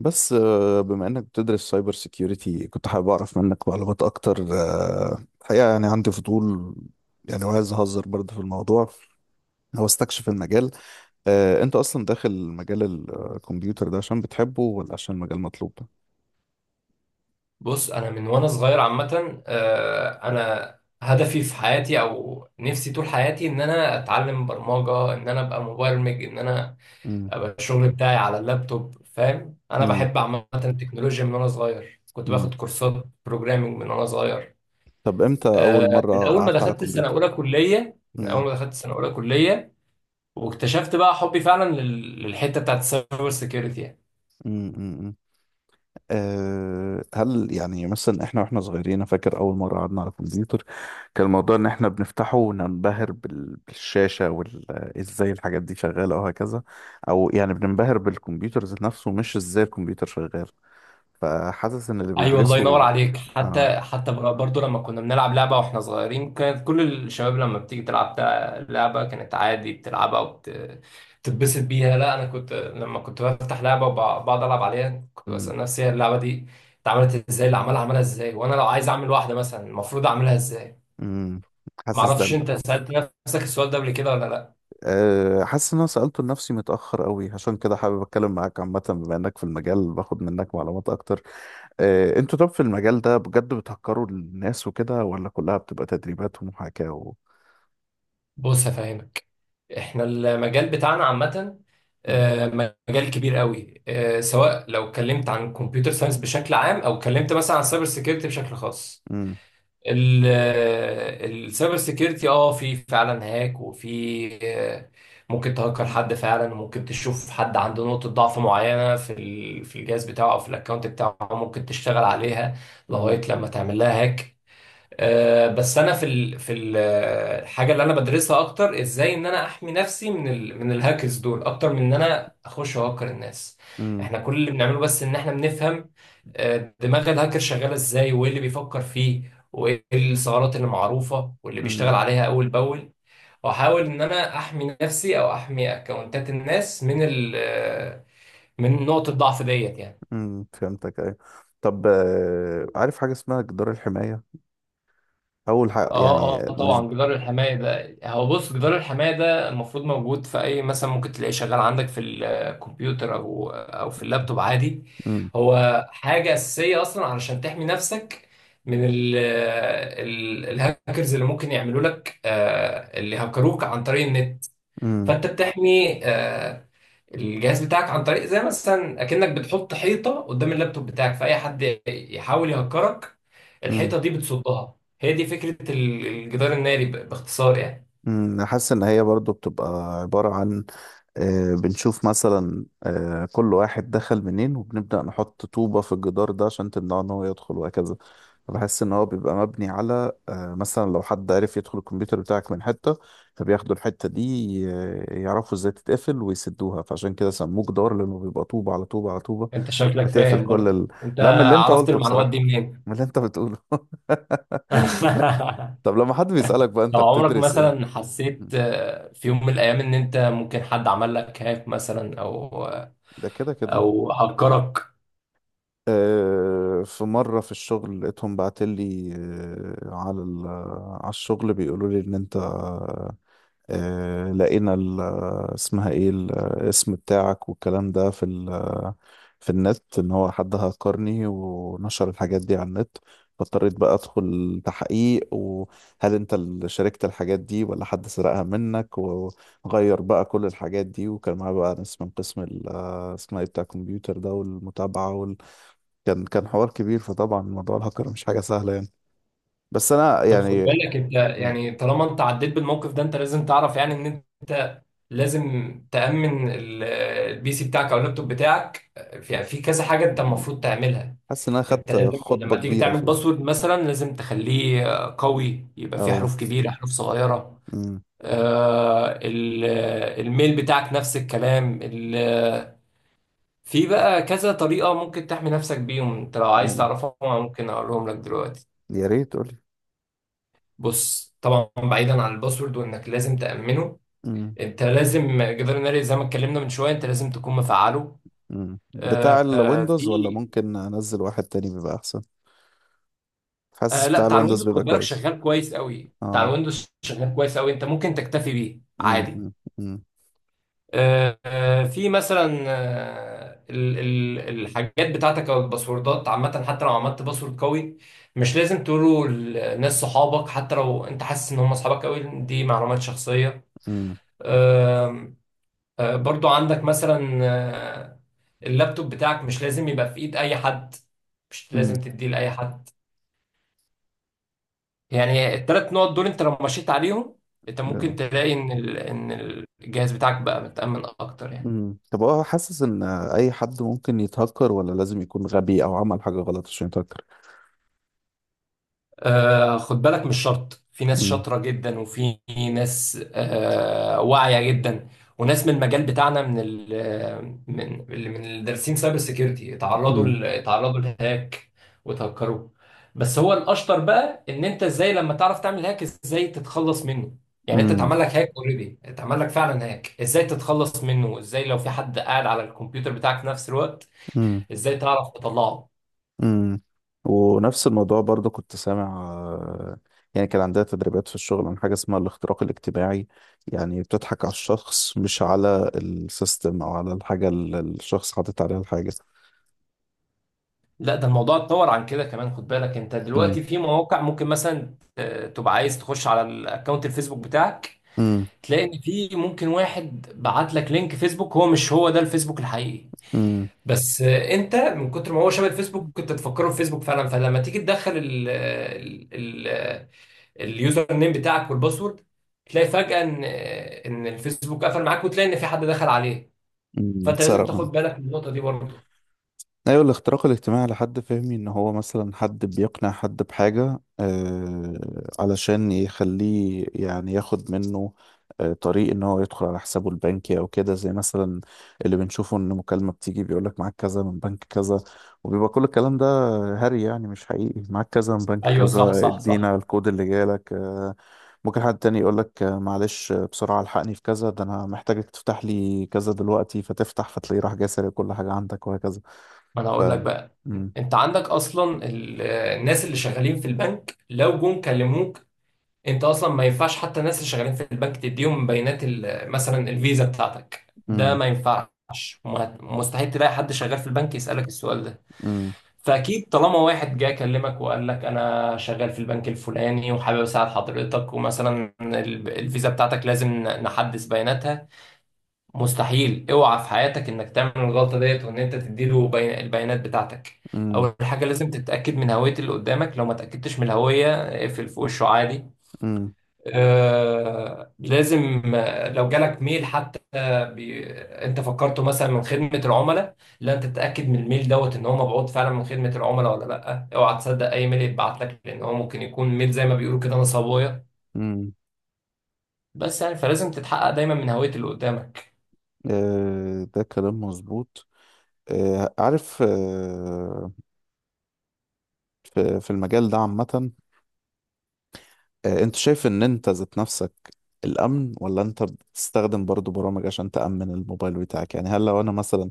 بس بما انك بتدرس سايبر سيكيورتي، كنت حابب اعرف منك معلومات اكتر. الحقيقه، يعني عندي فضول. يعني وعايز اهزر برضه في الموضوع. هو استكشف المجال. انت اصلا داخل مجال الكمبيوتر ده، عشان بتحبه ولا عشان المجال مطلوب؟ بص، انا من وانا صغير عامه، انا هدفي في حياتي او نفسي طول حياتي ان انا اتعلم برمجه، ان انا ابقى مبرمج، ان انا امم. ابقى الشغل بتاعي على اللابتوب. فاهم؟ انا امم. بحب عامه التكنولوجيا من وانا صغير، كنت امم. باخد كورسات بروجرامنج من وانا صغير. طب امتى اول من مره اول ما قعدت على دخلت السنه كمبيوتر؟ اولى كليه، من اول ما دخلت السنه اولى كليه واكتشفت بقى حبي فعلا للحته بتاعت السايبر سيكيورتي. امم. هل يعني مثلا احنا واحنا صغيرين، أنا فاكر اول مره قعدنا على الكمبيوتر، كان الموضوع ان احنا بنفتحه وننبهر بالشاشه وازاي الحاجات دي شغاله وهكذا، او يعني بننبهر بالكمبيوتر ذات نفسه، مش ازاي الكمبيوتر شغال. فحاسس ان اللي ايوه، الله ينور بيدرسوا. عليك. اه. حتى برضو لما كنا بنلعب لعبه واحنا صغيرين، كانت كل الشباب لما بتيجي تلعب لعبه كانت عادي بتلعبها وبتتبسط بيها. لا، انا كنت لما كنت بفتح لعبه وبقعد العب عليها كنت امم. بسال نفسي هي اللعبه دي اتعملت ازاي، اللي عملها عملها ازاي، وانا لو عايز اعمل واحده مثلا المفروض اعملها ازاي. امم. ما حاسس ده اعرفش، اللي- انت سالت نفسك السؤال ده قبل كده ولا لا؟ حاسس ان انا سالته لنفسي متاخر قوي، عشان كده حابب اتكلم معاك عامه، بما انك في المجال باخد منك معلومات اكتر. انتوا طب في المجال ده، بجد بتهكروا الناس وكده ولا كلها بتبقى تدريبات ومحاكاة و...؟ بص هفهمك، احنا المجال بتاعنا عامة، مم. آه، مجال كبير قوي. سواء لو اتكلمت عن كمبيوتر ساينس بشكل عام او اتكلمت مثلا عن سايبر سيكيورتي بشكل خاص، مم. السايبر سيكيورتي اه، في فعلا هاك، وفي ممكن تهكر حد فعلا، وممكن تشوف حد عنده نقطة ضعف معينة في الجهاز بتاعه او في الاكونت بتاعه ممكن تشتغل عليها لغاية مم. لما تعمل لها هاك. بس انا في الحاجه اللي انا بدرسها اكتر ازاي ان انا احمي نفسي من من الهاكرز دول، اكتر من ان انا اخش اهكر الناس. مم. احنا كل اللي بنعمله بس ان احنا بنفهم دماغ الهاكر شغاله ازاي، وايه اللي بيفكر فيه، وايه الثغرات اللي معروفه واللي مم. بيشتغل عليها اول باول، واحاول ان انا احمي نفسي او احمي اكونتات الناس من ال... آه، من نقطه الضعف ديت يعني. مم. فهمتك، ايوه. طب، عارف حاجة اسمها جدار الحماية؟ أول حاجة اه. يعني اه مش... طبعا، جدار الحماية ده هو، بص، جدار الحماية ده المفروض موجود في اي، مثلا ممكن تلاقيه شغال عندك في الكمبيوتر او في اللابتوب عادي. مم. هو حاجة أساسية أصلا علشان تحمي نفسك من ال ال الهاكرز اللي ممكن يعملوا لك، اللي هكروك عن طريق النت. مم. فانت بتحمي الجهاز بتاعك عن طريق، زي مثلا اكنك بتحط حيطه قدام اللابتوب بتاعك، فاي حد يحاول يهكرك مم. الحيطه دي بتصدها. هي دي فكره الجدار الناري باختصار يعني. أنا حاسس إن هي برضو بتبقى عبارة عن، بنشوف مثلا، كل واحد دخل منين وبنبدأ نحط طوبة في الجدار ده عشان تمنعه إن هو يدخل وهكذا. فبحس إن هو بيبقى مبني على، مثلا لو حد عرف يدخل الكمبيوتر بتاعك من حتة، فبياخدوا الحتة دي، يعرفوا إزاي تتقفل ويسدوها. فعشان كده سموه جدار، لأنه بيبقى طوبة على طوبة على طوبة، انت شكلك بتقفل فاهم كل برضه، ال... انت لا، من اللي أنت عرفت قلته المعلومات بصراحة. دي منين؟ من اللي أنت بتقوله. طب لما حد بيسألك بقى، أنت لو عمرك بتدرس مثلا إيه؟ حسيت في يوم من الايام ان انت ممكن حد عمل لك هاك مثلا، او ده كده كده. او هكرك؟ في مرة في الشغل، لقيتهم بعتلي على على الشغل بيقولوا لي إن أنت، لقينا ال- اسمها ايه، الاسم بتاعك والكلام ده، في ال- في النت، ان هو حد هكرني ونشر الحاجات دي على النت. فاضطريت بقى ادخل تحقيق، وهل انت اللي شاركت الحاجات دي ولا حد سرقها منك؟ وغير بقى كل الحاجات دي، وكان معاه بقى ناس من قسم ال- اسمها ايه، بتاع الكمبيوتر ده والمتابعة وال... كان حوار كبير، فطبعا موضوع الهكر مش حاجة سهلة يعني. بس انا طب خد يعني... بالك انت، م- يعني طالما انت عديت بالموقف ده انت لازم تعرف يعني ان انت لازم تأمن البي سي بتاعك او اللابتوب بتاعك. في يعني في كذا حاجة انت م- المفروض تعملها. حاسس ان انا انت خدت لازم خطبة لما تيجي كبيرة تعمل في... باسورد مثلا لازم تخليه قوي، يبقى فيه اه. حروف كبيرة حروف صغيرة. امم. آه، ال- الميل بتاعك نفس الكلام. في بقى كذا طريقة ممكن تحمي نفسك بيهم، انت لو عايز امم. تعرفهم أنا ممكن اقولهم لك دلوقتي. يا ريت قولي. بص، طبعا بعيدا عن الباسورد وانك لازم تأمنه، امم. انت لازم جدار الناري زي ما اتكلمنا من شويه انت لازم تكون مفعله. امم. بتاع الويندوز ولا في. ممكن انزل واحد تاني بيبقى احسن؟ حاسس لا، بتاع بتاع الويندوز الويندوز خد بيبقى بالك كويس. شغال كويس قوي، بتاع اه. الويندوز شغال كويس قوي، انت ممكن تكتفي بيه امم. عادي. امم. امم. في مثلا، الحاجات بتاعتك او الباسوردات عامه حتى لو عملت باسورد قوي مش لازم تقوله لناس صحابك، حتى لو انت حاسس ان هم اصحابك قوي، دي معلومات شخصيه. برضو عندك مثلا، اللابتوب بتاعك مش لازم يبقى في ايد اي حد، مش امم. لازم تديه لاي حد. يعني التلات نقط دول انت لو مشيت عليهم انت ممكن امم. تلاقي ان الجهاز بتاعك بقى متأمن اكتر يعني. أمم. طب هو حاسس ان اي حد ممكن يتهكر، ولا لازم يكون غبي او عمل حاجة غلط عشان يتهكر؟ آه خد بالك، مش شرط، في ناس امم. شاطرة جدا، وفي ناس واعية جدا، وناس من المجال بتاعنا، من ال آه، من اللي من الدارسين سايبر سيكيورتي اتعرضوا اتعرضوا لهاك وتهكروا. بس هو الاشطر بقى ان انت ازاي لما تعرف تعمل هاك، ازاي تتخلص منه. يعني انت امم. اتعمل لك هاك اوريدي، اتعمل لك فعلا هاك، ازاي تتخلص منه، ازاي لو في حد قاعد على الكمبيوتر بتاعك في نفس الوقت امم. ازاي تعرف تطلعه. امم. ونفس الموضوع برضه كنت سامع، يعني كان عندها تدريبات في الشغل عن حاجة اسمها الاختراق الاجتماعي. يعني بتضحك على الشخص، مش على السيستم أو على الحاجة اللي الشخص حاطط عليها الحاجة. لا، ده الموضوع اتطور عن كده كمان. خد بالك انت امم. دلوقتي في مواقع ممكن مثلا تبقى عايز تخش على الاكونت الفيسبوك بتاعك امم. تلاقي ان في ممكن واحد بعت لك لينك فيسبوك، هو مش هو ده الفيسبوك الحقيقي، امم. بس انت من كتر ما هو شبه الفيسبوك كنت تفكره في فيسبوك فعلا، فلما تيجي تدخل اليوزر نيم بتاعك والباسورد تلاقي فجأة ان ان الفيسبوك قفل معاك وتلاقي ان في حد دخل عليه. امم. فانت لازم اتسرق. تاخد بالك من النقطة دي برضه. ايوه، الاختراق الاجتماعي لحد فهمي ان هو مثلا حد بيقنع حد بحاجة علشان يخليه يعني ياخد منه طريق ان هو يدخل على حسابه البنكي او كده، زي مثلا اللي بنشوفه، ان مكالمة بتيجي بيقولك معاك كذا من بنك كذا، وبيبقى كل الكلام ده هري، يعني مش حقيقي. معاك كذا من بنك ايوه، صح كذا، صح صح. ادينا الكود اللي جالك. ممكن حد تاني يقولك، معلش، بسرعة الحقني في كذا، ده انا محتاجك تفتح لي كذا دلوقتي، فتفتح فتلاقيه راح جاي سارق كل حاجة عندك وهكذا. ما انا ف... هقول لك بقى، مم. انت عندك اصلا الناس اللي شغالين في البنك لو جم كلموك، انت اصلا ما ينفعش حتى الناس اللي شغالين في البنك تديهم بيانات مثلا الفيزا بتاعتك، ده مم. ما ينفعش. مستحيل تلاقي حد شغال في البنك يسألك السؤال ده. مم. فاكيد طالما واحد جه كلمك وقال لك انا شغال في البنك الفلاني وحابب اساعد حضرتك ومثلا الفيزا بتاعتك لازم نحدث بياناتها، مستحيل، اوعى في حياتك انك تعمل الغلطه ديت وان انت تديله البيانات بتاعتك. مم. اول حاجه لازم تتاكد من هويه اللي قدامك، لو ما تاكدتش من الهويه اقفل في وشه عادي. مم. آه لازم، لو جالك ميل حتى انت فكرته مثلا من خدمه العملاء، لا انت تتاكد من الميل دوت ان هو مبعوث فعلا من خدمه العملاء ولا لا. اوعى تصدق اي ميل يتبعت لك، لان هو ممكن يكون ميل زي ما بيقولوا كده نصابويه. مم. بس يعني فلازم تتحقق دايما من هويه اللي قدامك. ده كلام مظبوط. عارف، في المجال ده عامة، انت شايف ان انت ذات نفسك الأمن، ولا انت بتستخدم برضو برامج عشان تأمن الموبايل بتاعك؟ يعني هل لو انا مثلا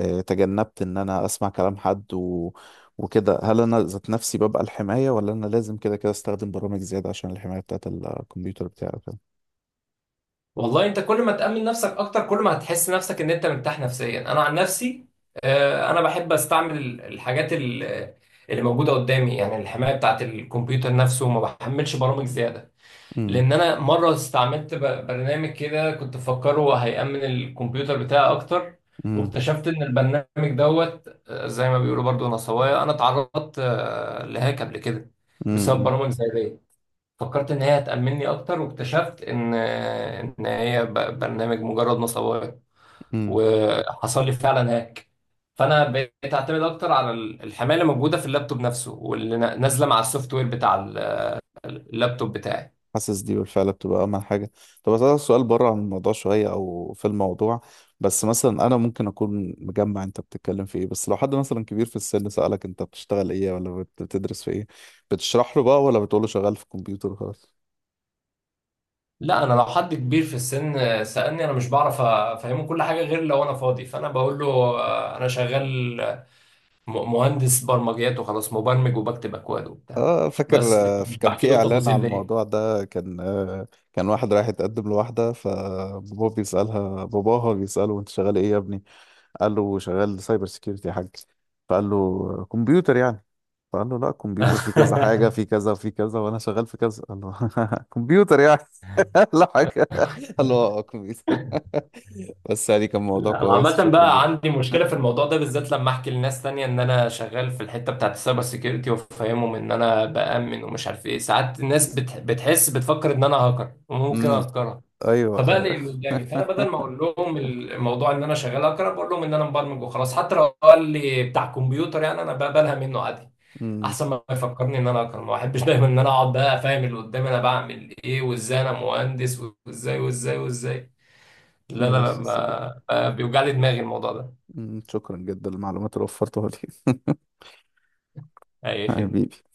تجنبت ان انا اسمع كلام حد و... وكده، هل انا ذات نفسي ببقى الحماية، ولا انا لازم كده كده استخدم برامج زيادة عشان الحماية بتاعت الكمبيوتر بتاعي وكده؟ والله انت كل ما تأمن نفسك اكتر كل ما هتحس نفسك ان انت مرتاح نفسيا. انا عن نفسي، انا بحب استعمل الحاجات اللي موجودة قدامي، يعني الحماية بتاعت الكمبيوتر نفسه، ما بحملش برامج زيادة. مم. لان انا مرة استعملت برنامج كده كنت مفكره هيأمن الكمبيوتر بتاعي اكتر، مم. واكتشفت ان البرنامج دوت، زي ما بيقولوا برضو نصوايا، انا اتعرضت لهاك قبل كده بسبب مم. برامج زي دي. فكرت ان هي هتأمنني اكتر واكتشفت ان ان هي برنامج مجرد نصباية، مم. وحصل لي فعلا هاك. فانا بقيت اعتمد اكتر على الحمايه اللي موجوده في اللابتوب نفسه واللي نازله مع السوفت وير بتاع اللابتوب بتاعي. حاسس دي بالفعل بتبقى أهم حاجة. طب أسألك سؤال بره عن الموضوع شوية، أو في الموضوع. بس مثلا أنا ممكن أكون مجمع أنت بتتكلم في إيه، بس لو حد مثلا كبير في السن سألك أنت بتشتغل إيه ولا بتدرس في إيه، بتشرح له بقى ولا بتقول له شغال في الكمبيوتر خلاص؟ لا، انا لو حد كبير في السن سألني انا مش بعرف افهمه كل حاجه غير لو انا فاضي، فانا بقول له انا شغال مهندس برمجيات وخلاص، مبرمج وبكتب اكواد وبتاع، اه، فاكر، بس لكن مش كان بحكي في له اعلان التفاصيل على دي. الموضوع ده، كان كان واحد رايح يتقدم لواحده، فباباه بيسالها باباها بيساله انت شغال ايه يا ابني؟ قال له شغال سايبر سيكيورتي يا حاج. فقال له كمبيوتر يعني؟ فقال له لا، كمبيوتر في كذا حاجة، في كذا في كذا وأنا شغال في كذا. قال له كمبيوتر يعني؟ لا، حاجة. قال له اه، كمبيوتر. بس يعني كان موضوع انا كويس. عامة شكرا بقى جدا. عندي مشكلة في الموضوع ده بالذات، لما احكي لناس تانية ان انا شغال في الحتة بتاعت السايبر سيكيورتي وافهمهم ان انا بأمن ومش عارف ايه، ساعات الناس بتحس، بتفكر ان انا هاكر وممكن امم. اهكرها، ايوه. فبقلق اللي قدامي، فانا بدل ما اقول لهم الموضوع ان انا شغال هاكر بقول لهم ان انا مبرمج وخلاص. حتى لو قال لي بتاع كمبيوتر يعني انا بقبلها منه عادي، امم. احسن ما يفكرني ان انا هاكر. ما احبش دايما ان انا اقعد بقى افهم اللي قدامي انا بعمل ايه وازاي انا مهندس وازاي وازاي وازاي. لا ماشي لا لا، يا صديقي. ما بيوجع لي دماغي الموضوع ده. شكرا جدا للمعلومات اللي وفرتها لي. اي خدمة. حبيبي.